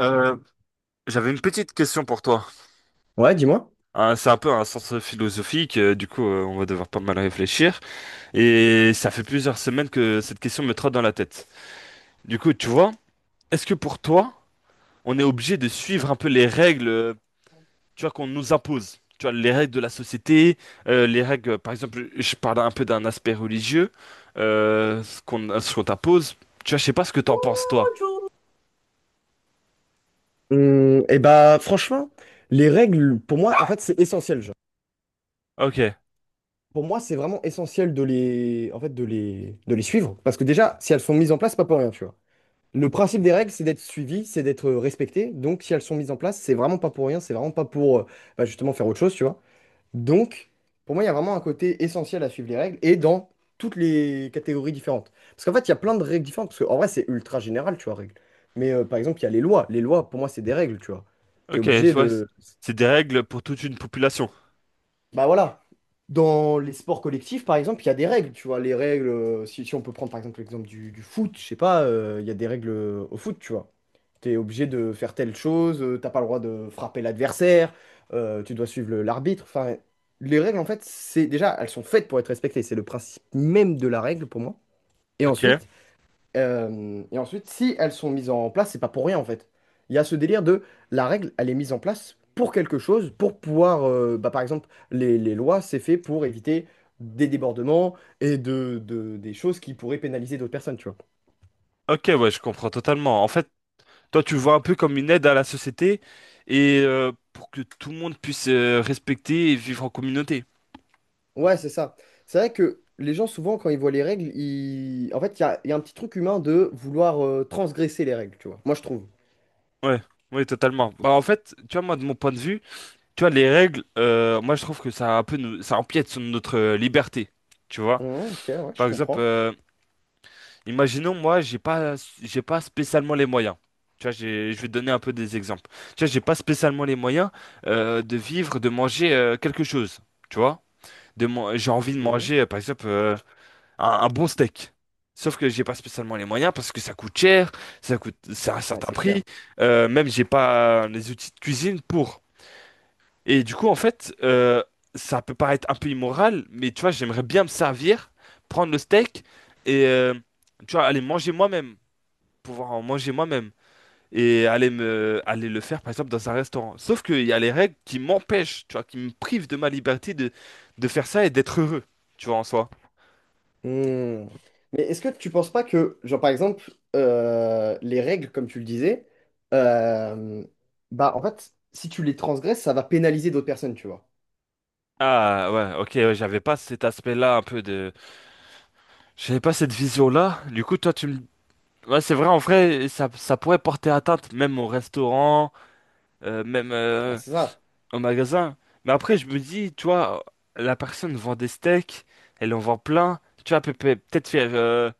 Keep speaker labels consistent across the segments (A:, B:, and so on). A: Euh, J'avais une petite question pour toi.
B: Ouais, dis-moi.
A: Hein, c'est un peu un sens philosophique, du coup on va devoir pas mal réfléchir. Et ça fait plusieurs semaines que cette question me trotte dans la tête. Du coup, tu vois, est-ce que pour toi, on est obligé de suivre un peu les règles, tu vois, qu'on nous impose? Tu vois, les règles de la société, les règles, par exemple, je parle un peu d'un aspect religieux, ce qu'on t'impose. Tu vois, je sais pas ce que t'en penses, toi.
B: Et bah franchement, les règles, pour moi, en fait, c'est essentiel, genre.
A: Ok,
B: Pour moi, c'est vraiment essentiel de les, en fait, de les suivre. Parce que déjà, si elles sont mises en place, c'est pas pour rien, tu vois. Le principe des règles, c'est d'être suivi, c'est d'être respecté. Donc, si elles sont mises en place, c'est vraiment pas pour rien, c'est vraiment pas pour, bah, justement, faire autre chose, tu vois. Donc, pour moi, il y a vraiment un côté essentiel à suivre les règles et dans toutes les catégories différentes. Parce qu'en fait, il y a plein de règles différentes. Parce qu'en vrai, c'est ultra général, tu vois, règles. Mais par exemple, il y a les lois. Les lois, pour moi, c'est des règles, tu vois. Tu
A: ok,
B: es
A: tu
B: obligé. Mm.
A: vois,
B: De,
A: c'est des règles pour toute une population.
B: bah voilà. Dans les sports collectifs, par exemple, il y a des règles, tu vois. Les règles, si on peut prendre par exemple l'exemple du foot, je sais pas, il y a des règles au foot, tu vois. T'es obligé de faire telle chose, t'as pas le droit de frapper l'adversaire, tu dois suivre l'arbitre. Enfin, les règles, en fait, c'est déjà, elles sont faites pour être respectées. C'est le principe même de la règle pour moi. Et
A: Ok.
B: ensuite, si elles sont mises en place, c'est pas pour rien en fait. Il y a ce délire de la règle, elle est mise en place pour quelque chose, pour pouvoir, bah, par exemple, les lois, c'est fait pour éviter des débordements et des choses qui pourraient pénaliser d'autres personnes, tu vois.
A: Ok, ouais, je comprends totalement. En fait, toi, tu le vois un peu comme une aide à la société et pour que tout le monde puisse respecter et vivre en communauté.
B: Ouais, c'est ça. C'est vrai que les gens, souvent, quand ils voient les règles, ils... en fait, il y a un petit truc humain de vouloir transgresser les règles, tu vois. Moi, je trouve.
A: Ouais, ouais, totalement. Bah, en fait, tu vois, moi, de mon point de vue, tu vois, les règles, moi, je trouve que ça un peu, ça empiète sur notre liberté. Tu vois,
B: Ok, ouais, je
A: par exemple,
B: comprends.
A: imaginons, moi, j'ai pas spécialement les moyens. Tu vois, je vais te donner un peu des exemples. Tu vois, j'ai pas spécialement les moyens de vivre, de manger quelque chose. Tu vois? J'ai envie de
B: Ok.
A: manger, par exemple, un bon steak. Sauf que j'ai pas spécialement les moyens parce que ça coûte cher, ça coûte, c'est un
B: Ouais,
A: certain
B: c'est
A: prix.
B: clair.
A: Même j'ai pas les outils de cuisine pour. Et du coup, en fait, ça peut paraître un peu immoral, mais tu vois, j'aimerais bien me servir, prendre le steak et tu vois, aller manger moi-même, pouvoir en manger moi-même et aller le faire, par exemple, dans un restaurant. Sauf qu'il y a les règles qui m'empêchent, tu vois, qui me privent de ma liberté de faire ça et d'être heureux, tu vois, en soi.
B: Hmm. Mais est-ce que tu penses pas que, genre par exemple, les règles, comme tu le disais, euh, bah en fait, si tu les transgresses, ça va pénaliser d'autres personnes, tu vois.
A: Ah ouais, ok, ouais, j'avais pas cet aspect-là un peu de. J'avais pas cette vision-là. Du coup, toi, tu me. Ouais, c'est vrai, en vrai, ça pourrait porter atteinte même au restaurant, même
B: Bah c'est ça.
A: au magasin. Mais après, je me dis, tu vois, la personne vend des steaks, elle en vend plein. Tu vois, elle peut peut-être faire. euh,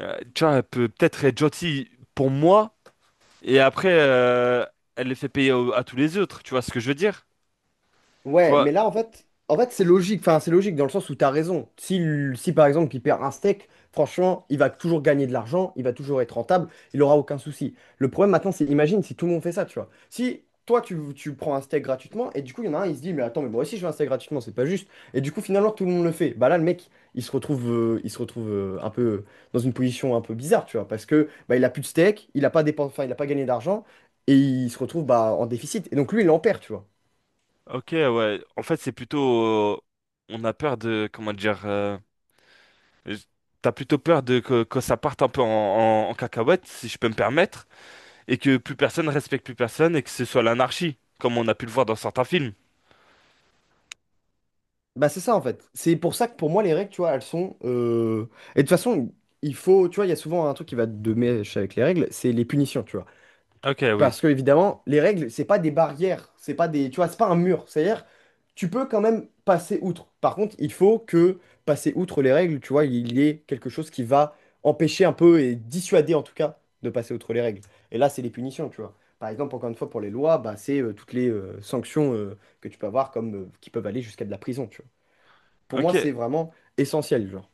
A: euh, Tu vois, elle peut peut-être être gentille pour moi, et après, elle les fait payer à tous les autres, tu vois ce que je veux dire? Tu
B: Ouais,
A: vois.
B: mais là, en fait, c'est logique. Enfin, c'est logique dans le sens où t'as raison. Si par exemple, il perd un steak, franchement, il va toujours gagner de l'argent, il va toujours être rentable, il aura aucun souci. Le problème maintenant, c'est, imagine si tout le monde fait ça, tu vois. Si toi, tu prends un steak gratuitement, et du coup, il y en a un, il se dit, mais attends, mais moi aussi, je veux un steak gratuitement, c'est pas juste. Et du coup, finalement, tout le monde le fait. Bah là, le mec, il se retrouve un peu dans une position un peu bizarre, tu vois, parce que bah, il a plus de steak, il a pas dépen- enfin, il a pas gagné d'argent, et il se retrouve bah, en déficit. Et donc, lui, il en perd, tu vois.
A: Ok, ouais. En fait, c'est plutôt. euh, on a peur de. Comment dire. J- T'as plutôt peur de que ça parte un peu en cacahuète, si je peux me permettre, et que plus personne respecte plus personne et que ce soit l'anarchie, comme on a pu le voir dans certains films.
B: Bah c'est ça en fait. C'est pour ça que pour moi les règles, tu vois, elles sont... Et de toute façon, tu vois, il y a souvent un truc qui va de mèche avec les règles, c'est les punitions, tu vois.
A: Ok, oui.
B: Parce que évidemment, les règles, c'est pas des barrières, c'est pas des... Tu vois, c'est pas un mur. C'est-à-dire, tu peux quand même passer outre. Par contre, il faut que passer outre les règles, tu vois, il y ait quelque chose qui va empêcher un peu et dissuader en tout cas de passer outre les règles. Et là, c'est les punitions, tu vois. Par exemple, encore une fois, pour les lois, bah, c'est toutes les sanctions que tu peux avoir comme qui peuvent aller jusqu'à de la prison, tu vois. Pour moi,
A: Ok.
B: c'est vraiment essentiel, genre.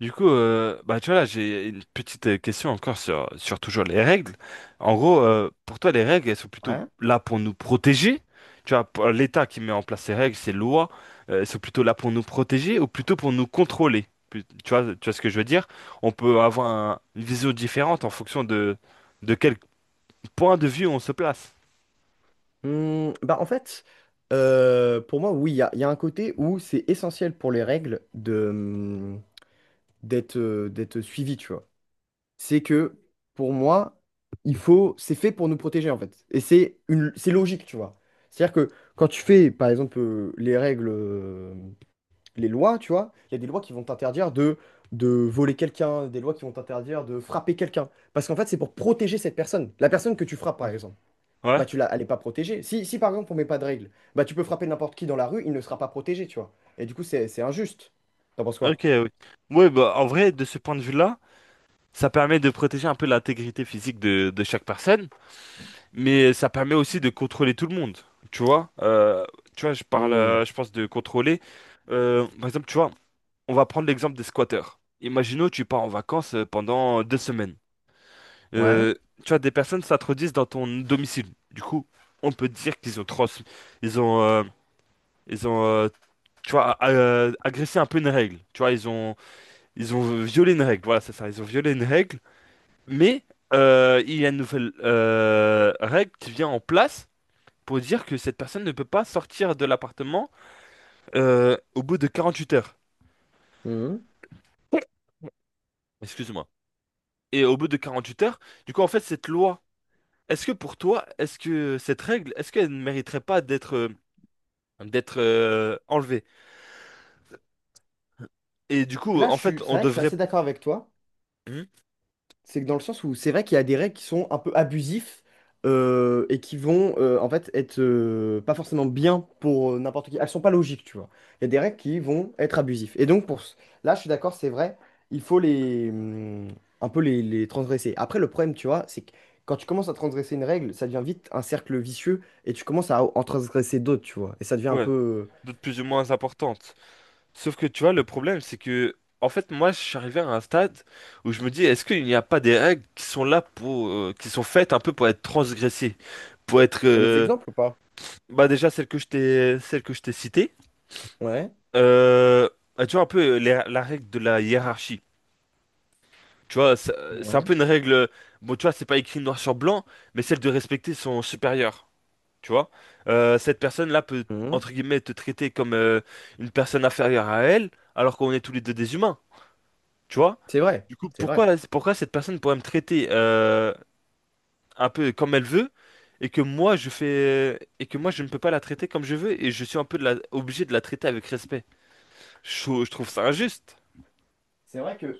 A: Du coup, bah tu vois là, j'ai une petite question encore sur toujours les règles. En gros, pour toi, les règles, elles sont plutôt
B: Ouais.
A: là pour nous protéger. Tu vois, pour l'État qui met en place ces règles, ces lois, elles sont plutôt là pour nous protéger ou plutôt pour nous contrôler. Tu vois ce que je veux dire? On peut avoir une vision différente en fonction de quel point de vue on se place.
B: Bah en fait, pour moi, oui, il y a un côté où c'est essentiel pour les règles d'être d'être suivi, tu vois. C'est que pour moi, il faut, c'est fait pour nous protéger en fait. Et c'est une, c'est logique, tu vois. C'est-à-dire que quand tu fais, par exemple, les règles, les lois, tu vois, il y a des lois qui vont t'interdire de voler quelqu'un, des lois qui vont t'interdire de frapper quelqu'un. Parce qu'en fait, c'est pour protéger cette personne, la personne que tu frappes, par exemple.
A: Mhm. Ouais,
B: Elle est pas protégée. Si par exemple on met pas de règles, bah tu peux frapper n'importe qui dans la rue, il ne sera pas protégé, tu vois. Et du coup, c'est injuste. T'en penses
A: ok,
B: quoi?
A: oui. Oui, bah, en vrai, de ce point de vue-là, ça permet de protéger un peu l'intégrité physique de chaque personne. Mais ça permet aussi de contrôler tout le monde, tu vois. Tu vois, je parle,
B: Hmm.
A: je pense de contrôler. Par exemple, tu vois, on va prendre l'exemple des squatteurs. Imaginons, tu pars en vacances pendant 2 semaines.
B: Ouais.
A: Euh, Tu vois, des personnes s'introduisent dans ton domicile. Du coup, on peut dire qu'ils ont trans, ils ont, euh, ils ont, tu vois, agressé un peu une règle. Tu vois, ils ont violé une règle. Voilà, c'est ça. Ils ont violé une règle. Mais il y a une nouvelle règle qui vient en place pour dire que cette personne ne peut pas sortir de l'appartement au bout de 48 heures.
B: Hmm.
A: Excuse-moi. Et au bout de 48 heures, du coup, en fait, cette loi, est-ce que pour toi, est-ce que cette règle, est-ce qu'elle ne mériterait pas d'être enlevée? Et du coup,
B: Là,
A: en
B: je
A: fait,
B: suis, c'est
A: on
B: vrai que je suis
A: devrait.
B: assez d'accord avec toi.
A: Hmm.
B: C'est que dans le sens où c'est vrai qu'il y a des règles qui sont un peu abusifs et qui vont en fait être pas forcément bien pour n'importe qui. Elles sont pas logiques, tu vois. Il y a des règles qui vont être abusives. Et donc là, je suis d'accord, c'est vrai, il faut les un peu les transgresser. Après, le problème, tu vois, c'est que quand tu commences à transgresser une règle, ça devient vite un cercle vicieux et tu commences à en transgresser d'autres, tu vois. Et ça devient un
A: Ouais,
B: peu.
A: d'autres plus ou moins importantes. Sauf que, tu vois, le problème, c'est que, en fait, moi, je suis arrivé à un stade où je me dis, est-ce qu'il n'y a pas des règles qui sont là pour. Qui sont faites un peu pour être transgressées, pour être.
B: T'as des exemples ou pas?
A: Bah déjà celle que je t'ai citée.
B: Ouais.
A: Euh, Bah, tu vois un peu la règle de la hiérarchie. Tu vois, c'est un
B: Ouais.
A: peu une règle. Bon, tu vois, c'est pas écrit noir sur blanc, mais celle de respecter son supérieur. Tu vois. Cette personne-là peut
B: Mhm.
A: entre guillemets te traiter comme une personne inférieure à elle, alors qu'on est tous les deux des humains. Tu vois.
B: C'est vrai,
A: Du coup,
B: c'est
A: pourquoi
B: vrai.
A: pourquoi cette personne pourrait me traiter un peu comme elle veut et que moi je fais et que moi je ne peux pas la traiter comme je veux et je suis un peu obligé de la traiter avec respect. Je trouve ça injuste.
B: C'est vrai que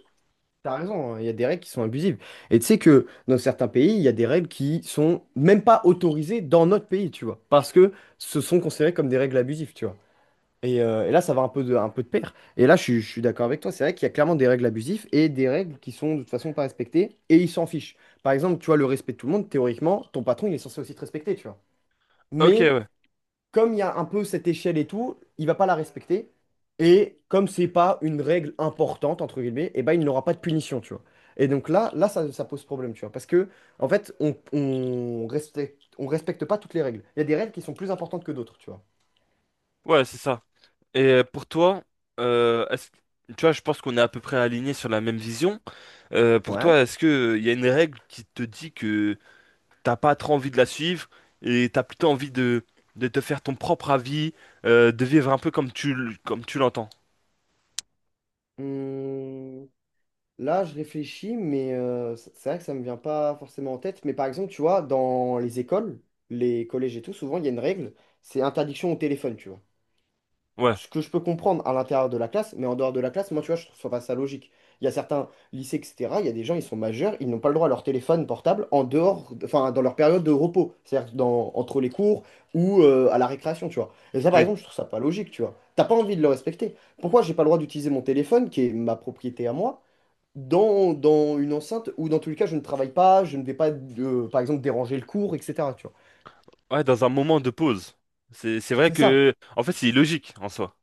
B: T'as raison, hein, il y a des règles qui sont abusives. Et tu sais que dans certains pays, il y a des règles qui sont même pas autorisées dans notre pays, tu vois, parce que ce sont considérées comme des règles abusives, tu vois. Et là, ça va un peu de pair. Et là, je suis d'accord avec toi, c'est vrai qu'il y a clairement des règles abusives et des règles qui sont de toute façon pas respectées, et ils s'en fichent. Par exemple, tu vois, le respect de tout le monde, théoriquement, ton patron, il est censé aussi te respecter, tu vois.
A: Ok,
B: Mais
A: ouais.
B: comme il y a un peu cette échelle et tout, il va pas la respecter. Et comme c'est pas une règle importante, entre guillemets, et ben il n'aura pas de punition, tu vois. Et donc là ça pose problème, tu vois. Parce que, en fait, on respecte pas toutes les règles. Il y a des règles qui sont plus importantes que d'autres, tu vois.
A: Ouais, c'est ça. Et pour toi, euh, est-ce- tu vois, je pense qu'on est à peu près alignés sur la même vision. Pour
B: Ouais.
A: toi, est-ce que il y a une règle qui te dit que t'as pas trop envie de la suivre et t'as plutôt envie de te faire ton propre avis, de vivre un peu comme tu l'entends?
B: Hum, Là, je réfléchis, mais c'est vrai que ça me vient pas forcément en tête. Mais par exemple, tu vois, dans les écoles, les collèges et tout, souvent, il y a une règle, c'est interdiction au téléphone, tu vois.
A: Ouais,
B: Ce que je peux comprendre à l'intérieur de la classe, mais en dehors de la classe, moi, tu vois, je trouve pas ça logique. Il y a certains lycées, etc., il y a des gens, ils sont majeurs, ils n'ont pas le droit à leur téléphone portable en dehors, enfin, dans leur période de repos, c'est-à-dire dans, entre les cours ou à la récréation, tu vois. Et ça, par
A: oui.
B: exemple, je trouve ça pas logique, tu vois. T'as pas envie de le respecter. Pourquoi j'ai pas le droit d'utiliser mon téléphone, qui est ma propriété à moi, dans une enceinte où, dans tous les cas, je ne travaille pas, je ne vais pas, par exemple, déranger le cours, etc., tu vois.
A: Ouais, dans un moment de pause. C'est vrai
B: C'est ça.
A: que, en fait, c'est illogique en soi.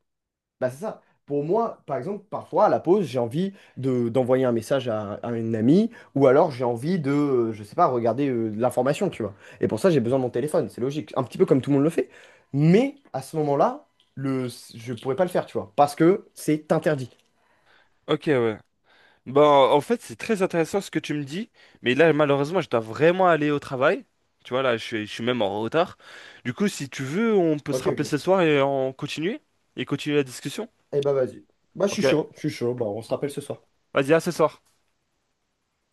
B: Bah, c'est ça. Pour moi, par exemple, parfois à la pause, j'ai envie d'envoyer un message à une amie ou alors j'ai envie de, je sais pas, regarder de l'information, tu vois. Et pour ça, j'ai besoin de mon téléphone, c'est logique. Un petit peu comme tout le monde le fait. Mais à ce moment-là, le, je pourrais pas le faire, tu vois, parce que c'est interdit.
A: Ok, ouais. Ben, en fait, c'est très intéressant ce que tu me dis, mais là, malheureusement, je dois vraiment aller au travail. Tu vois, là, je suis même en retard. Du coup, si tu veux, on peut se
B: Ok,
A: rappeler ce
B: ok.
A: soir et continuer la discussion.
B: Eh bah, vas-y. Bah, je suis
A: Ok,
B: chaud, je suis chaud. Bah, on se rappelle ce soir.
A: vas-y, à ce soir.